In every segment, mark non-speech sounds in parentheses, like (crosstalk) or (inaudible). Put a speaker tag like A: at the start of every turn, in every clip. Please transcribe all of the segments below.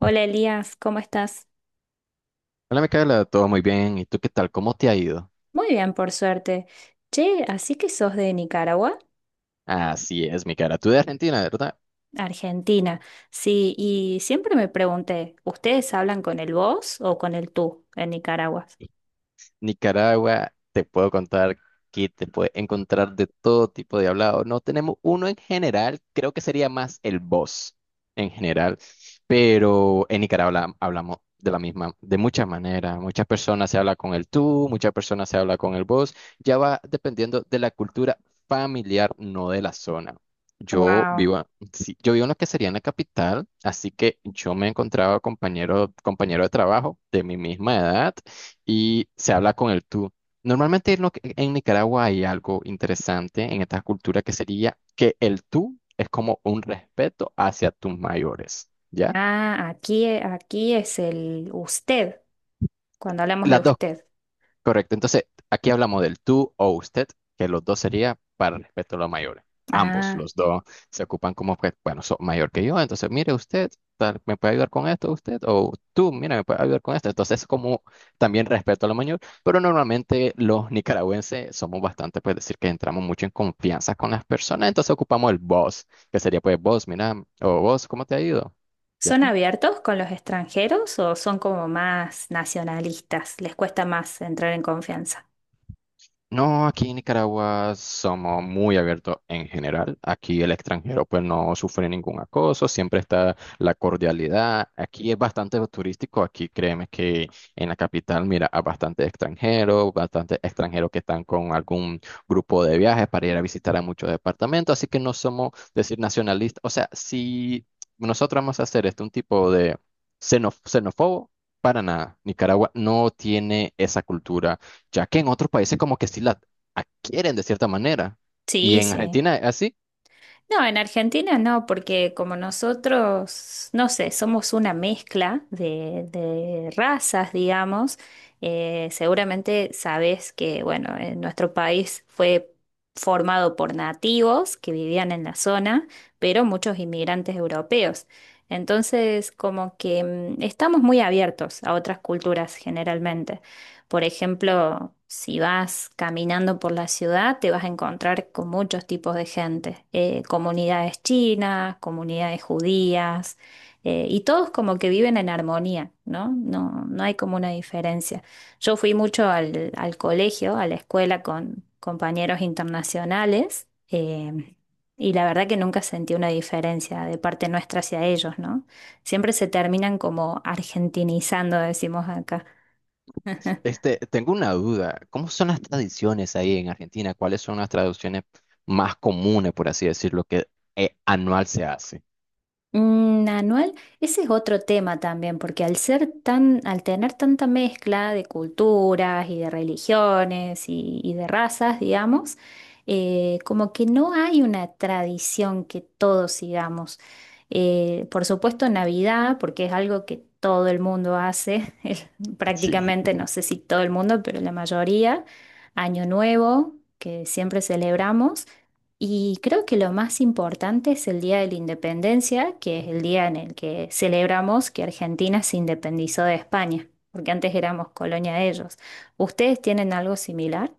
A: Hola Elías, ¿cómo estás?
B: Hola, Micaela, todo muy bien. ¿Y tú qué tal? ¿Cómo te ha ido?
A: Muy bien, por suerte. Che, así que sos de Nicaragua,
B: Así es, Micaela. Tú de Argentina, ¿verdad?
A: Argentina. Sí, y siempre me pregunté, ¿ustedes hablan con el vos o con el tú en Nicaragua?
B: Nicaragua, te puedo contar que te puedes encontrar de todo tipo de hablado. No tenemos uno en general, creo que sería más el vos en general. Pero en Nicaragua hablamos de la misma, de muchas maneras. Muchas personas se habla con el tú, muchas personas se habla con el vos. Ya va dependiendo de la cultura familiar, no de la zona. Yo
A: Wow.
B: vivo, a- sí, yo vivo en lo que sería en la capital, así que yo me encontraba compañero, compañero de trabajo de mi misma edad y se habla con el tú. Normalmente en, en Nicaragua hay algo interesante en esta cultura que sería que el tú es como un respeto hacia tus mayores. ¿Ya?
A: Ah, aquí, aquí es el usted, cuando hablamos de
B: Las dos,
A: usted.
B: correcto. Entonces, aquí hablamos del tú o usted, que los dos sería para respeto a los mayores. Ambos,
A: Ah,
B: los dos, se ocupan como, pues, bueno, sos mayor que yo, entonces, mire usted, tal, ¿me puede ayudar con esto usted? O tú, mira, ¿me puede ayudar con esto? Entonces, como también respeto a lo mayor, pero normalmente los nicaragüenses somos bastante, pues, decir que entramos mucho en confianza con las personas, entonces ocupamos el vos, que sería, pues, vos, mira, o vos, ¿cómo te ha ido? Ya.
A: ¿son abiertos con los extranjeros o son como más nacionalistas? ¿Les cuesta más entrar en confianza?
B: No, aquí en Nicaragua somos muy abiertos en general. Aquí el extranjero pues no sufre ningún acoso, siempre está la cordialidad. Aquí es bastante turístico, aquí créeme que en la capital mira a bastante extranjeros que están con algún grupo de viajes para ir a visitar a muchos departamentos, así que no somos decir nacionalistas. O sea, si nosotros vamos a hacer este un tipo de xenófobo, para nada. Nicaragua no tiene esa cultura ya que en otros países como que sí la adquieren de cierta manera. Y
A: Sí,
B: en
A: sí.
B: Argentina, así,
A: No, en Argentina no, porque como nosotros, no sé, somos una mezcla de razas, digamos, seguramente sabes que, bueno, en nuestro país fue formado por nativos que vivían en la zona, pero muchos inmigrantes europeos. Entonces, como que estamos muy abiertos a otras culturas generalmente. Por ejemplo, si vas caminando por la ciudad, te vas a encontrar con muchos tipos de gente, comunidades chinas, comunidades judías, y todos como que viven en armonía, ¿no? No, no hay como una diferencia. Yo fui mucho al colegio, a la escuela con compañeros internacionales, y la verdad que nunca sentí una diferencia de parte nuestra hacia ellos, ¿no? Siempre se terminan como argentinizando, decimos acá.
B: este, tengo una duda, ¿cómo son las tradiciones ahí en Argentina? ¿Cuáles son las tradiciones más comunes, por así decirlo, que anual se hace?
A: Anual, ese es otro tema también, porque al ser tan, al tener tanta mezcla de culturas y de religiones y de razas, digamos, como que no hay una tradición que todos sigamos. Por supuesto, Navidad, porque es algo que todo el mundo hace, (laughs) es
B: Sí.
A: prácticamente, no sé si todo el mundo, pero la mayoría. Año Nuevo, que siempre celebramos. Y creo que lo más importante es el Día de la Independencia, que es el día en el que celebramos que Argentina se independizó de España, porque antes éramos colonia de ellos. ¿Ustedes tienen algo similar?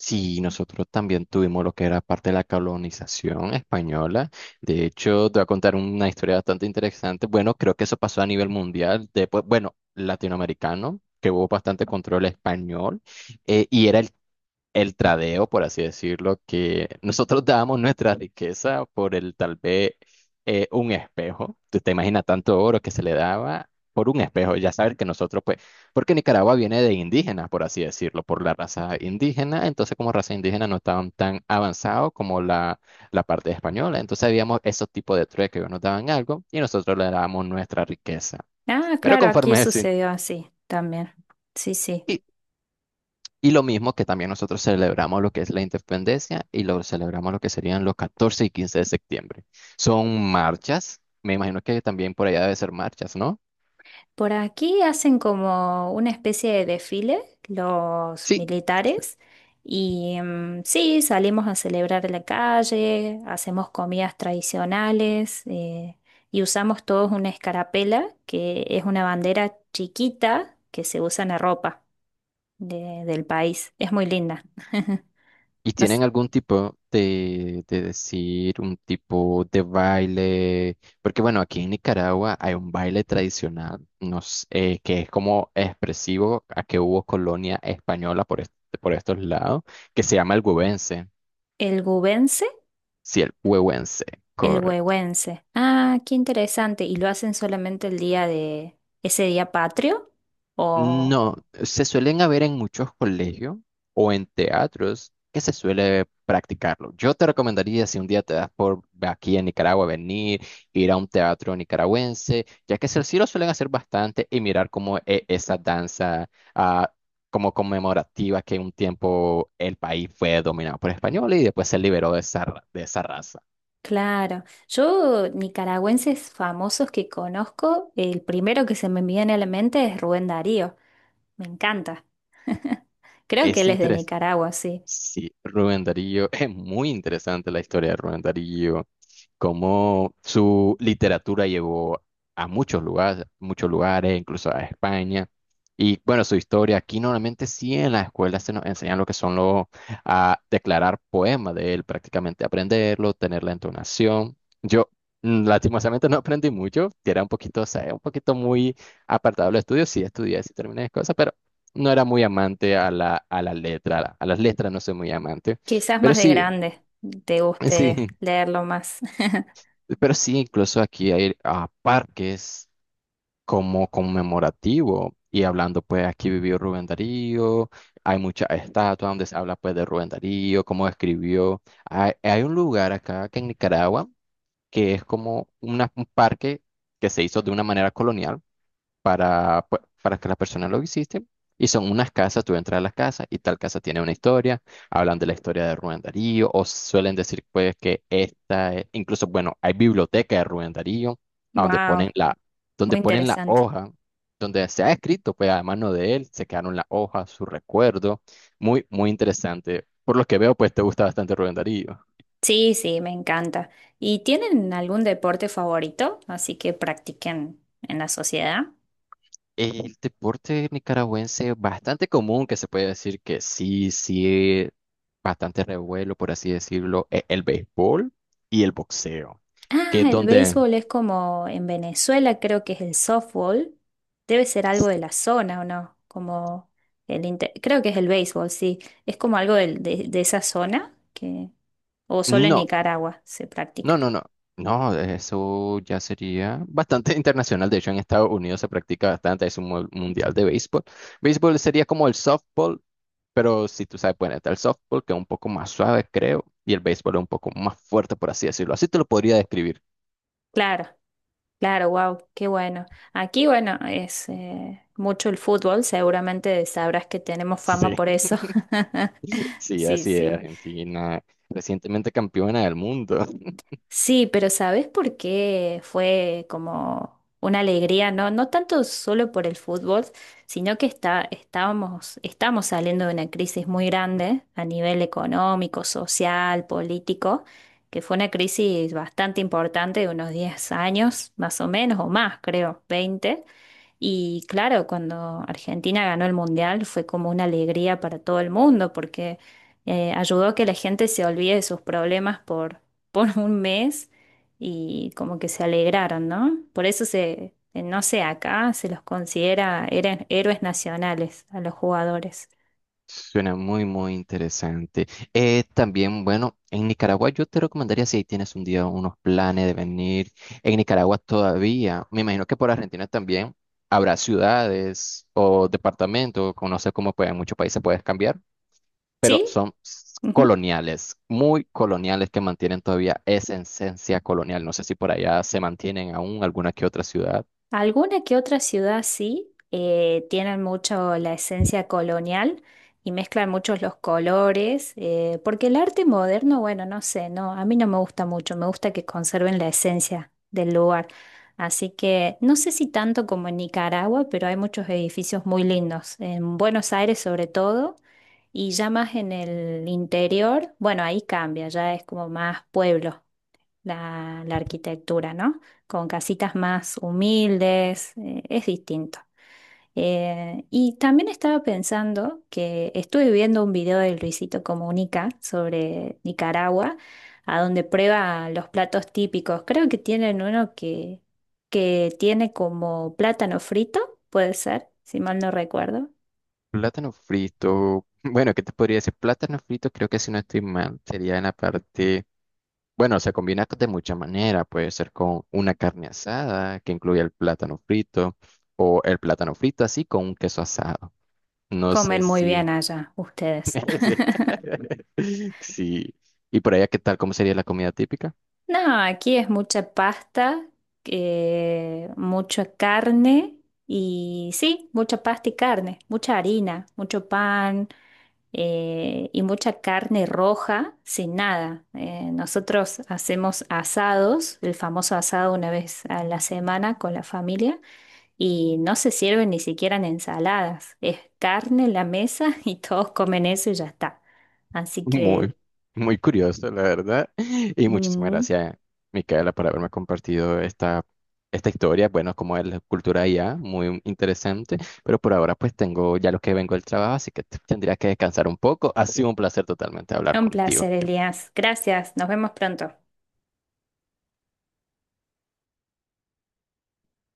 B: Sí, nosotros también tuvimos lo que era parte de la colonización española. De hecho, te voy a contar una historia bastante interesante. Bueno, creo que eso pasó a nivel mundial, después, bueno, latinoamericano, que hubo bastante control español, y era el tradeo, por así decirlo, que nosotros dábamos nuestra riqueza por el tal vez un espejo. Tú te imaginas tanto oro que se le daba por un espejo. Ya saber que nosotros, pues, porque Nicaragua viene de indígenas, por así decirlo, por la raza indígena. Entonces, como raza indígena no estaban tan avanzados como la parte española. Entonces, habíamos esos tipos de trueques que nos daban algo y nosotros le dábamos nuestra riqueza.
A: Ah,
B: Pero
A: claro, aquí
B: conforme (laughs)
A: sucedió así también. Sí, sí.
B: y y lo mismo que también nosotros celebramos lo que es la independencia y lo celebramos lo que serían los 14 y 15 de septiembre. Son marchas, me imagino que también por allá debe ser marchas, ¿no?
A: Por aquí hacen como una especie de desfile los
B: Sí.
A: militares y sí, salimos a celebrar en la calle, hacemos comidas tradicionales, y usamos todos una escarapela, que es una bandera chiquita que se usa en la ropa del país. Es muy linda. (laughs)
B: ¿Y
A: No
B: tienen
A: sé,
B: algún tipo de decir, un tipo de baile? Porque bueno, aquí en Nicaragua hay un baile tradicional, no s- que es como expresivo a que hubo colonia española por, por estos lados, que se llama el huevense.
A: ¿el gubense?
B: Sí, el huevense.
A: El huehuense. Ah, qué interesante. ¿Y lo hacen solamente el día de ese día patrio? ¿O...?
B: No, se suelen haber en muchos colegios o en teatros que se suele practicarlo. Yo te recomendaría, si un día te das por aquí en Nicaragua, venir, ir a un teatro nicaragüense, ya que sí lo suelen hacer bastante y mirar como esa danza ah, como conmemorativa que un tiempo el país fue dominado por españoles y después se liberó de esa, de esa raza.
A: Claro, yo nicaragüenses famosos que conozco, el primero que se me viene a la mente es Rubén Darío, me encanta. Creo que
B: Es
A: él es de
B: interesante.
A: Nicaragua, sí.
B: Sí, Rubén Darío, (laughs) es muy interesante la historia de Rubén Darío. Cómo su literatura llevó a muchos lugares, incluso a España. Y bueno, su historia, aquí normalmente sí en la escuela se nos enseñan lo que son los, a declarar poemas de él, prácticamente aprenderlo, tener la entonación. Yo lastimosamente no aprendí mucho, que era un poquito, o sea, un poquito muy apartado del estudio, sí estudié, sí terminé cosas, pero no era muy amante a a la letra, a las letras no soy muy amante,
A: Quizás
B: pero
A: más de
B: sí,
A: grande te
B: (laughs)
A: guste
B: sí.
A: leerlo más. (laughs)
B: Pero sí, incluso aquí hay parques como conmemorativo. Y hablando, pues aquí vivió Rubén Darío, hay muchas estatuas donde se habla pues de Rubén Darío, cómo escribió. Hay un lugar acá que en Nicaragua que es como un parque que se hizo de una manera colonial para, para que las personas lo visiten. Y son unas casas, tú entras a las casas y tal casa tiene una historia, hablan de la historia de Rubén Darío o suelen decir pues que esta, incluso bueno, hay biblioteca de Rubén Darío, a
A: Wow,
B: donde
A: muy
B: ponen la
A: interesante.
B: hoja, donde se ha escrito pues a mano de él, se quedaron las hojas, su recuerdo, muy, muy interesante. Por lo que veo pues te gusta bastante Rubén Darío.
A: Sí, sí, me encanta. ¿Y tienen algún deporte favorito? Así que practiquen en la sociedad.
B: El deporte nicaragüense bastante común que se puede decir que sí, sí, bastante revuelo, por así decirlo, el béisbol y el boxeo,
A: Ah,
B: que es
A: el
B: donde...
A: béisbol es como en Venezuela, creo que es el softball. Debe ser algo de la zona, ¿o no? Como creo que es el béisbol, sí. Es como algo de esa zona que o solo en
B: No,
A: Nicaragua se practica.
B: no, no, no. No, eso ya sería bastante (laughs) internacional. De hecho, en Estados Unidos se practica bastante. Es un mundial de béisbol. Béisbol sería como el softball, pero si tú sabes, bueno, está el softball, que es un poco más suave, creo, y el béisbol es un poco más fuerte, por así decirlo. Así te lo podría describir.
A: Claro, claro, wow, qué bueno. Aquí, bueno, es mucho el fútbol, seguramente sabrás que tenemos fama
B: Sí,
A: por eso. (laughs)
B: (laughs) sí,
A: Sí,
B: así es.
A: sí.
B: Argentina, recientemente campeona del mundo.
A: Sí, pero ¿sabes por qué fue como una alegría? No, no tanto solo por el fútbol, sino que estamos saliendo de una crisis muy grande a nivel económico, social, político, que fue una crisis bastante importante de unos 10 años, más o menos, o más, creo, 20. Y claro, cuando Argentina ganó el Mundial fue como una alegría para todo el mundo, porque ayudó a que la gente se olvide de sus problemas por un mes y como que se alegraron, ¿no? Por eso se, no sé, acá se los considera héroes nacionales a los jugadores.
B: Suena muy, muy interesante. También, bueno, en Nicaragua yo te recomendaría si ahí tienes un día unos planes de venir. En Nicaragua todavía, me imagino que por Argentina también habrá ciudades o departamentos, o no sé cómo pues, en muchos países puedes cambiar, pero
A: ¿Sí?
B: son coloniales, muy coloniales que mantienen todavía esa esencia colonial. No sé si por allá se mantienen aún alguna que otra ciudad.
A: Alguna que otra ciudad sí, tienen mucho la esencia colonial y mezclan muchos los colores, porque el arte moderno, bueno, no sé, no, a mí no me gusta mucho, me gusta que conserven la esencia del lugar. Así que no sé si tanto como en Nicaragua, pero hay muchos edificios muy lindos, en Buenos Aires sobre todo, y ya más en el interior, bueno, ahí cambia, ya es como más pueblo la arquitectura, ¿no? Con casitas más humildes, es distinto. Y también estaba pensando que estuve viendo un video de Luisito Comunica sobre Nicaragua, a donde prueba los platos típicos. Creo que tienen uno que tiene como plátano frito, puede ser, si mal no recuerdo.
B: Plátano frito. Bueno, ¿qué te podría decir? Plátano frito, creo que si no estoy mal, sería en la parte. Bueno, se combina de mucha manera. Puede ser con una carne asada que incluye el plátano frito o el plátano frito así con un queso asado. No
A: Comen
B: sé
A: muy
B: si.
A: bien allá ustedes.
B: (laughs) Sí. ¿Y por allá qué tal? ¿Cómo sería la comida típica?
A: No, aquí es mucha pasta, mucha carne y sí, mucha pasta y carne, mucha harina, mucho pan, y mucha carne roja sin nada. Nosotros hacemos asados, el famoso asado una vez a la semana con la familia y no se sirven ni siquiera en ensaladas. Es carne en la mesa (laughs) y todos comen eso y ya está. Así que...
B: Muy, muy curioso, la verdad. Y muchísimas
A: mm,
B: gracias, Micaela, por haberme compartido esta, esta historia. Bueno, como es la cultura IA, muy interesante. Pero por ahora, pues tengo ya lo que vengo del trabajo, así que tendría que descansar un poco. Ha sido un placer totalmente hablar
A: Un placer,
B: contigo.
A: Elías. Gracias. Nos vemos pronto.